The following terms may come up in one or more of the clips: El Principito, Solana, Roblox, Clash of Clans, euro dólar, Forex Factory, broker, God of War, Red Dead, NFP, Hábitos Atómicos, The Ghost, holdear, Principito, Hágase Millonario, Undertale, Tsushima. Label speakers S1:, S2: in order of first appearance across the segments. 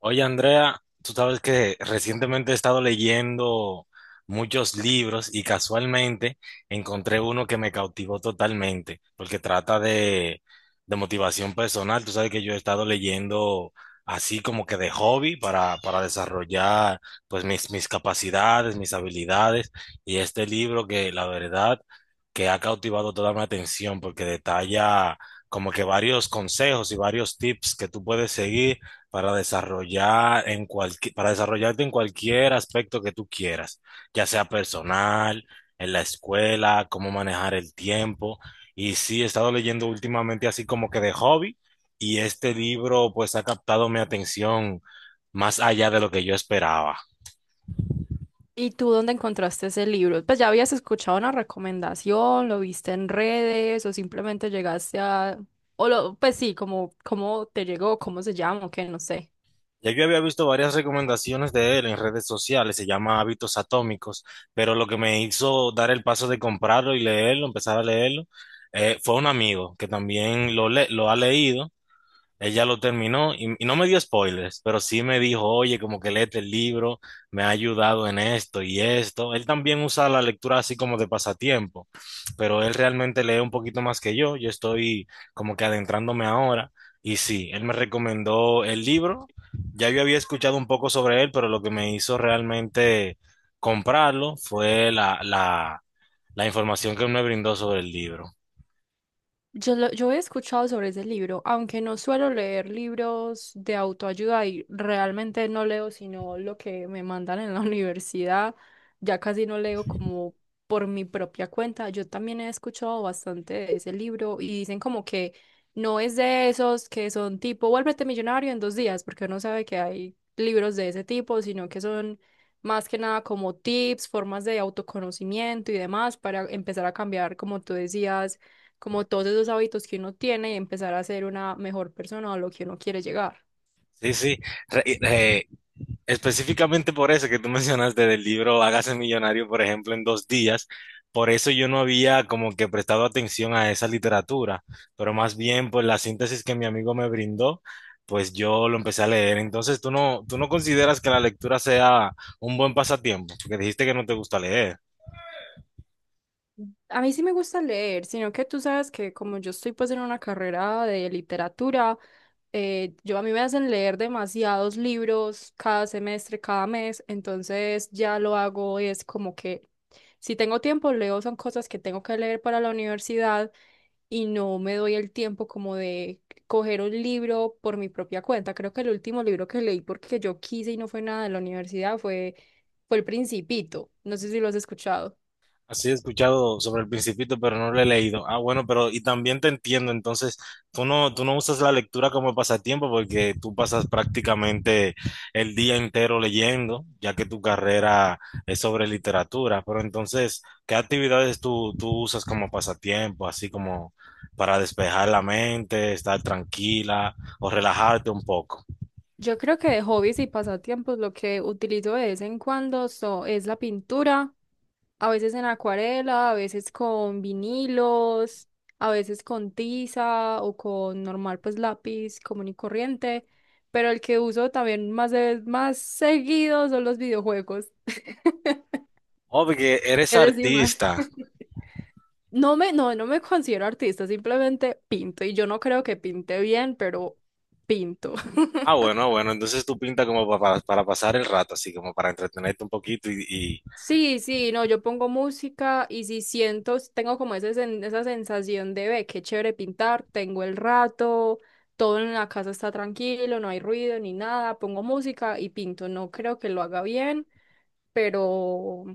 S1: Oye, Andrea, tú sabes que recientemente he estado leyendo muchos libros y casualmente encontré uno que me cautivó totalmente, porque trata de motivación personal. Tú sabes que yo he estado leyendo así como que de hobby para desarrollar pues mis capacidades, mis habilidades y este libro que la verdad que ha cautivado toda mi atención porque detalla como que varios consejos y varios tips que tú puedes seguir para desarrollar en para desarrollarte en cualquier aspecto que tú quieras, ya sea personal, en la escuela, cómo manejar el tiempo. Y sí, he estado leyendo últimamente así como que de hobby y este libro pues ha captado mi atención más allá de lo que yo esperaba.
S2: ¿Y tú dónde encontraste ese libro? Pues ya habías escuchado una recomendación, ¿lo viste en redes o simplemente llegaste a...? O lo, pues sí, como ¿cómo te llegó, cómo se llama, o qué? No sé.
S1: Ya yo había visto varias recomendaciones de él en redes sociales, se llama Hábitos Atómicos, pero lo que me hizo dar el paso de comprarlo y leerlo, empezar a leerlo, fue un amigo que también lo ha leído, ella lo terminó y no me dio spoilers, pero sí me dijo, oye, como que léete el libro, me ha ayudado en esto y esto. Él también usa la lectura así como de pasatiempo, pero él realmente lee un poquito más que yo. Yo estoy como que adentrándome ahora. Y sí, él me recomendó el libro. Ya yo había escuchado un poco sobre él, pero lo que me hizo realmente comprarlo fue la información que me brindó sobre el libro.
S2: Yo he escuchado sobre ese libro, aunque no suelo leer libros de autoayuda y realmente no leo sino lo que me mandan en la universidad, ya casi no leo como por mi propia cuenta. Yo también he escuchado bastante de ese libro y dicen como que no es de esos que son tipo, vuélvete millonario en dos días, porque uno sabe que hay libros de ese tipo, sino que son más que nada como tips, formas de autoconocimiento y demás para empezar a cambiar, como tú decías, como todos esos hábitos que uno tiene, y empezar a ser una mejor persona a lo que uno quiere llegar.
S1: Sí, sí. Re- eh, Específicamente por eso que tú mencionaste del libro Hágase Millonario, por ejemplo, en 2 días, por eso yo no había como que prestado atención a esa literatura, pero más bien por la síntesis que mi amigo me brindó, pues yo lo empecé a leer. Entonces, ¿tú no consideras que la lectura sea un buen pasatiempo? Porque dijiste que no te gusta leer.
S2: A mí sí me gusta leer, sino que tú sabes que como yo estoy pues en una carrera de literatura, yo a mí me hacen leer demasiados libros cada semestre, cada mes, entonces ya lo hago, es como que si tengo tiempo leo son cosas que tengo que leer para la universidad y no me doy el tiempo como de coger un libro por mi propia cuenta. Creo que el último libro que leí porque yo quise y no fue nada de la universidad fue El Principito. No sé si lo has escuchado.
S1: Así he escuchado sobre el Principito, pero no lo he leído. Ah, bueno, pero y también te entiendo, entonces tú no usas la lectura como pasatiempo porque tú pasas prácticamente el día entero leyendo, ya que tu carrera es sobre literatura, pero entonces, ¿qué actividades tú usas como pasatiempo, así como para despejar la mente, estar tranquila o relajarte un poco?
S2: Yo creo que de hobbies y pasatiempos lo que utilizo de vez en cuando es la pintura, a veces en acuarela, a veces con vinilos, a veces con tiza o con normal pues lápiz común y corriente, pero el que uso también más, más seguido son los videojuegos.
S1: Oh, porque eres
S2: Eres y más.
S1: artista.
S2: No me considero artista, simplemente pinto y yo no creo que pinte bien, pero pinto.
S1: Ah, bueno, bueno, entonces tú pintas como para pasar el rato, así como para entretenerte un poquito
S2: Sí, sí, no, yo pongo música y si siento, si tengo como ese, esa sensación de ve, qué chévere pintar, tengo el rato, todo en la casa está tranquilo, no hay ruido ni nada, pongo música y pinto. No creo que lo haga bien, pero,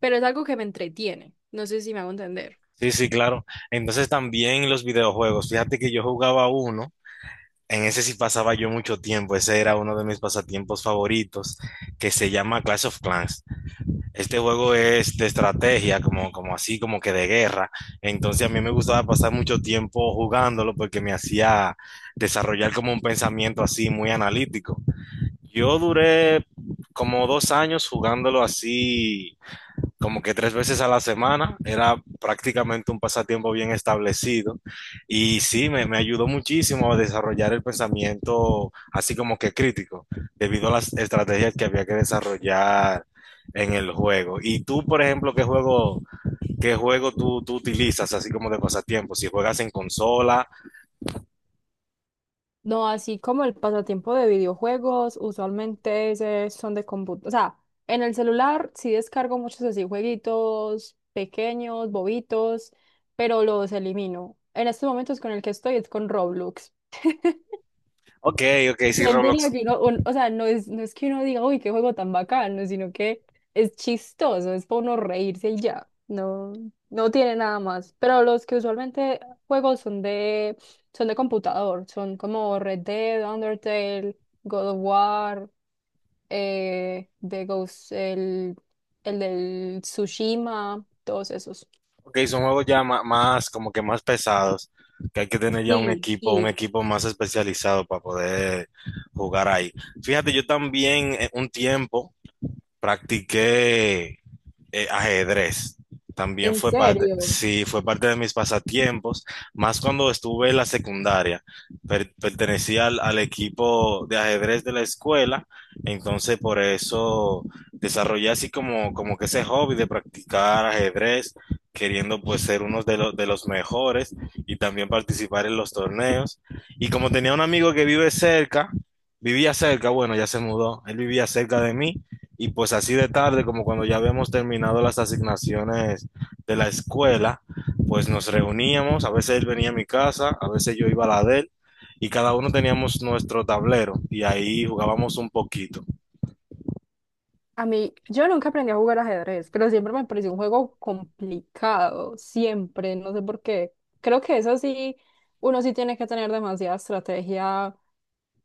S2: pero es algo que me entretiene. No sé si me hago entender.
S1: Sí, sí, claro. Entonces también los videojuegos, fíjate que yo jugaba uno, en ese sí pasaba yo mucho tiempo, ese era uno de mis pasatiempos favoritos, que se llama Clash of Clans. Este juego es de estrategia, como así, como que de guerra, entonces a mí me gustaba pasar mucho tiempo jugándolo porque me hacía desarrollar como un pensamiento así muy analítico. Yo duré como 2 años jugándolo así, como que 3 veces a la semana. Era prácticamente un pasatiempo bien establecido. Y sí, me ayudó muchísimo a desarrollar el pensamiento así como que crítico, debido a las estrategias que había que desarrollar en el juego. Y tú, por ejemplo, ¿qué juego tú utilizas así como de pasatiempo? Si juegas en consola,
S2: No, así como el pasatiempo de videojuegos, usualmente ese son de computador. O sea, en el celular sí descargo muchos así jueguitos pequeños, bobitos, pero los elimino. En estos momentos con el que estoy es con Roblox.
S1: ok, ok, sí,
S2: ¿Quién
S1: Roblox.
S2: diría que uno, o sea, no es, no es que uno diga, uy, qué juego tan bacano, sino que es chistoso, es para uno reírse y ya? No, no tiene nada más. Pero los que usualmente juego son de computador, son como Red Dead, Undertale, God of War, The Ghost, el del Tsushima, todos esos.
S1: Ok, son juegos ya más, como que más pesados, que hay que tener ya
S2: Sí,
S1: un
S2: sí,
S1: equipo más especializado para poder jugar ahí. Fíjate, yo también un tiempo practiqué ajedrez. También
S2: en
S1: fue parte,
S2: serio.
S1: sí, fue parte de mis pasatiempos, más cuando estuve en la secundaria. Pertenecía al equipo de ajedrez de la escuela, entonces por eso desarrollé así como que ese hobby de practicar ajedrez, queriendo pues ser uno de los mejores y también participar en los torneos. Y como tenía un amigo que vivía cerca, bueno, ya se mudó, él vivía cerca de mí. Y pues así de tarde, como cuando ya habíamos terminado las asignaciones de la escuela, pues nos reuníamos, a veces él venía a mi casa, a veces yo iba a la de él, y cada uno teníamos nuestro tablero y ahí jugábamos un poquito.
S2: A mí, yo nunca aprendí a jugar ajedrez, pero siempre me pareció un juego complicado, siempre, no sé por qué. Creo que eso sí, uno sí tiene que tener demasiada estrategia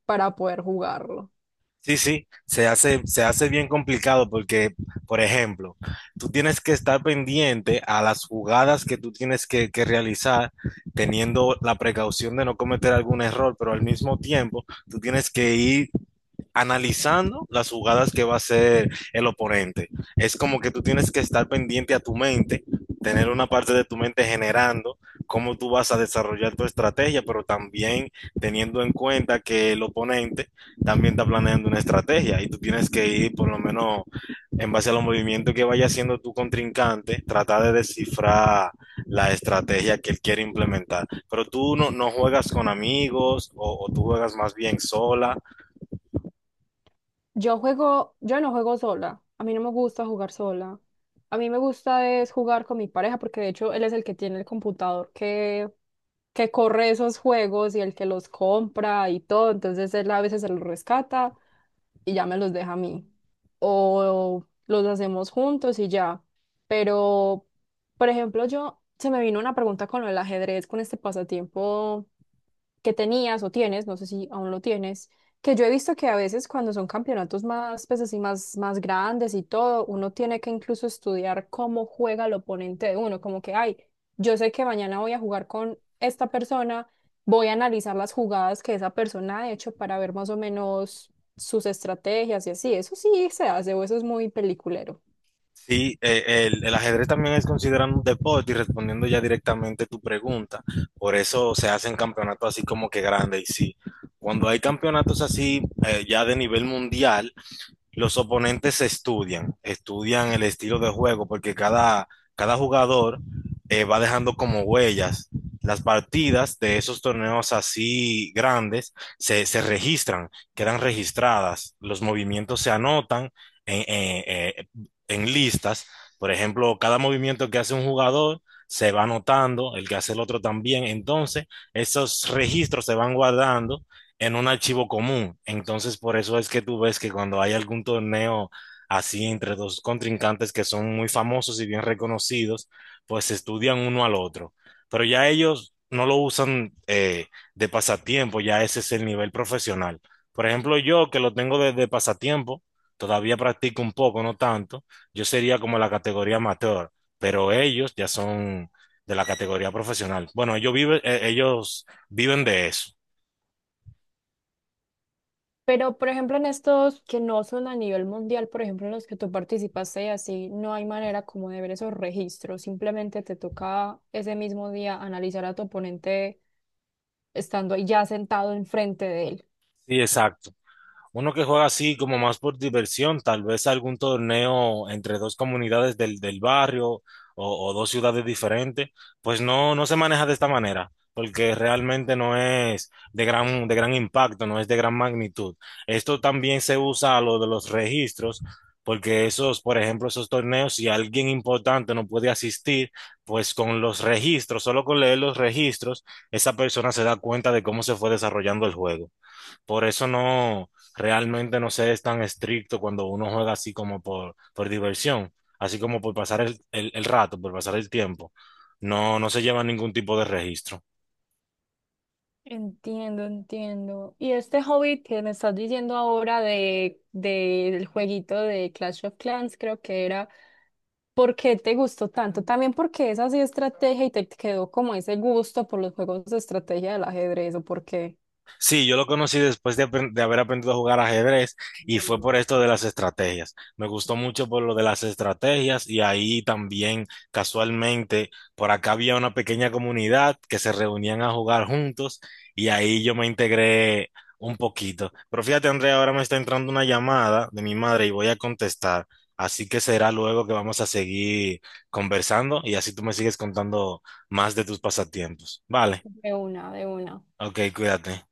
S2: para poder jugarlo.
S1: Sí, sí, se hace bien complicado porque, por ejemplo, tú tienes que estar pendiente a las jugadas que tú tienes que realizar, teniendo la precaución de no cometer algún error, pero al mismo tiempo tú tienes que ir analizando las jugadas que va a hacer el oponente. Es como que tú tienes que estar pendiente a tu mente, tener una parte de tu mente generando cómo tú vas a desarrollar tu estrategia, pero también teniendo en cuenta que el oponente también está planeando una estrategia y tú tienes que ir por lo menos en base a los movimientos que vaya haciendo tu contrincante, tratar de descifrar la estrategia que él quiere implementar. Pero tú no, no juegas con amigos o tú juegas más bien sola.
S2: Yo juego, yo no juego sola. A mí no me gusta jugar sola. A mí me gusta es jugar con mi pareja porque de hecho él es el que tiene el computador que corre esos juegos y el que los compra y todo. Entonces él a veces se los rescata y ya me los deja a mí. O los hacemos juntos y ya. Pero, por ejemplo, yo se me vino una pregunta con el ajedrez, con este pasatiempo que tenías o tienes, no sé si aún lo tienes, que yo he visto que a veces cuando son campeonatos más, pues así, más, más grandes y todo, uno tiene que incluso estudiar cómo juega el oponente de uno, como que, ay, yo sé que mañana voy a jugar con esta persona, voy a analizar las jugadas que esa persona ha hecho para ver más o menos sus estrategias y así, ¿eso sí se hace o eso es muy peliculero?
S1: Sí, el ajedrez también es considerado un deporte y respondiendo ya directamente tu pregunta, por eso se hacen campeonatos así como que grandes y sí, cuando hay campeonatos así ya de nivel mundial, los oponentes se estudian, estudian el estilo de juego, porque cada jugador va dejando como huellas. Las partidas de esos torneos así grandes se registran, quedan registradas, los movimientos se anotan en, eh, eh, en listas. Por ejemplo, cada movimiento que hace un jugador se va anotando, el que hace el otro también. Entonces, esos registros se van guardando en un archivo común. Entonces, por eso es que tú ves que cuando hay algún torneo así entre 2 contrincantes que son muy famosos y bien reconocidos, pues se estudian uno al otro. Pero ya ellos no lo usan de pasatiempo, ya ese es el nivel profesional. Por ejemplo, yo que lo tengo desde pasatiempo, todavía practico un poco, no tanto, yo sería como la categoría amateur, pero ellos ya son de la categoría profesional. Bueno, ellos viven de eso.
S2: Pero, por ejemplo, en estos que no son a nivel mundial, por ejemplo, en los que tú participaste y así, no hay manera como de ver esos registros. Simplemente te toca ese mismo día analizar a tu oponente estando ahí ya sentado enfrente de él.
S1: Sí, exacto. Uno que juega así como más por diversión, tal vez algún torneo entre 2 comunidades del barrio o 2 ciudades diferentes, pues no, no se maneja de esta manera, porque realmente no es de de gran impacto, no es de gran magnitud. Esto también se usa a lo de los registros, porque esos, por ejemplo, esos torneos, si alguien importante no puede asistir, pues con los registros, solo con leer los registros, esa persona se da cuenta de cómo se fue desarrollando el juego. Por eso no, realmente no se es tan estricto cuando uno juega así como por diversión, así como por pasar el rato, por pasar el tiempo. No, no se lleva ningún tipo de registro.
S2: Entiendo, entiendo. Y este hobby que me estás diciendo ahora del jueguito de Clash of Clans, creo que era, ¿por qué te gustó tanto? También porque es así estrategia y te quedó como ese gusto por los juegos de estrategia del ajedrez, ¿o por qué?
S1: Sí, yo lo conocí después de, de haber aprendido a jugar ajedrez y fue por esto de las estrategias. Me gustó mucho por lo de las estrategias y ahí también casualmente por acá había una pequeña comunidad que se reunían a jugar juntos y ahí yo me integré un poquito. Pero fíjate, Andrea, ahora me está entrando una llamada de mi madre y voy a contestar. Así que será luego que vamos a seguir conversando y así tú me sigues contando más de tus pasatiempos. Vale,
S2: De una, de una.
S1: ok, cuídate.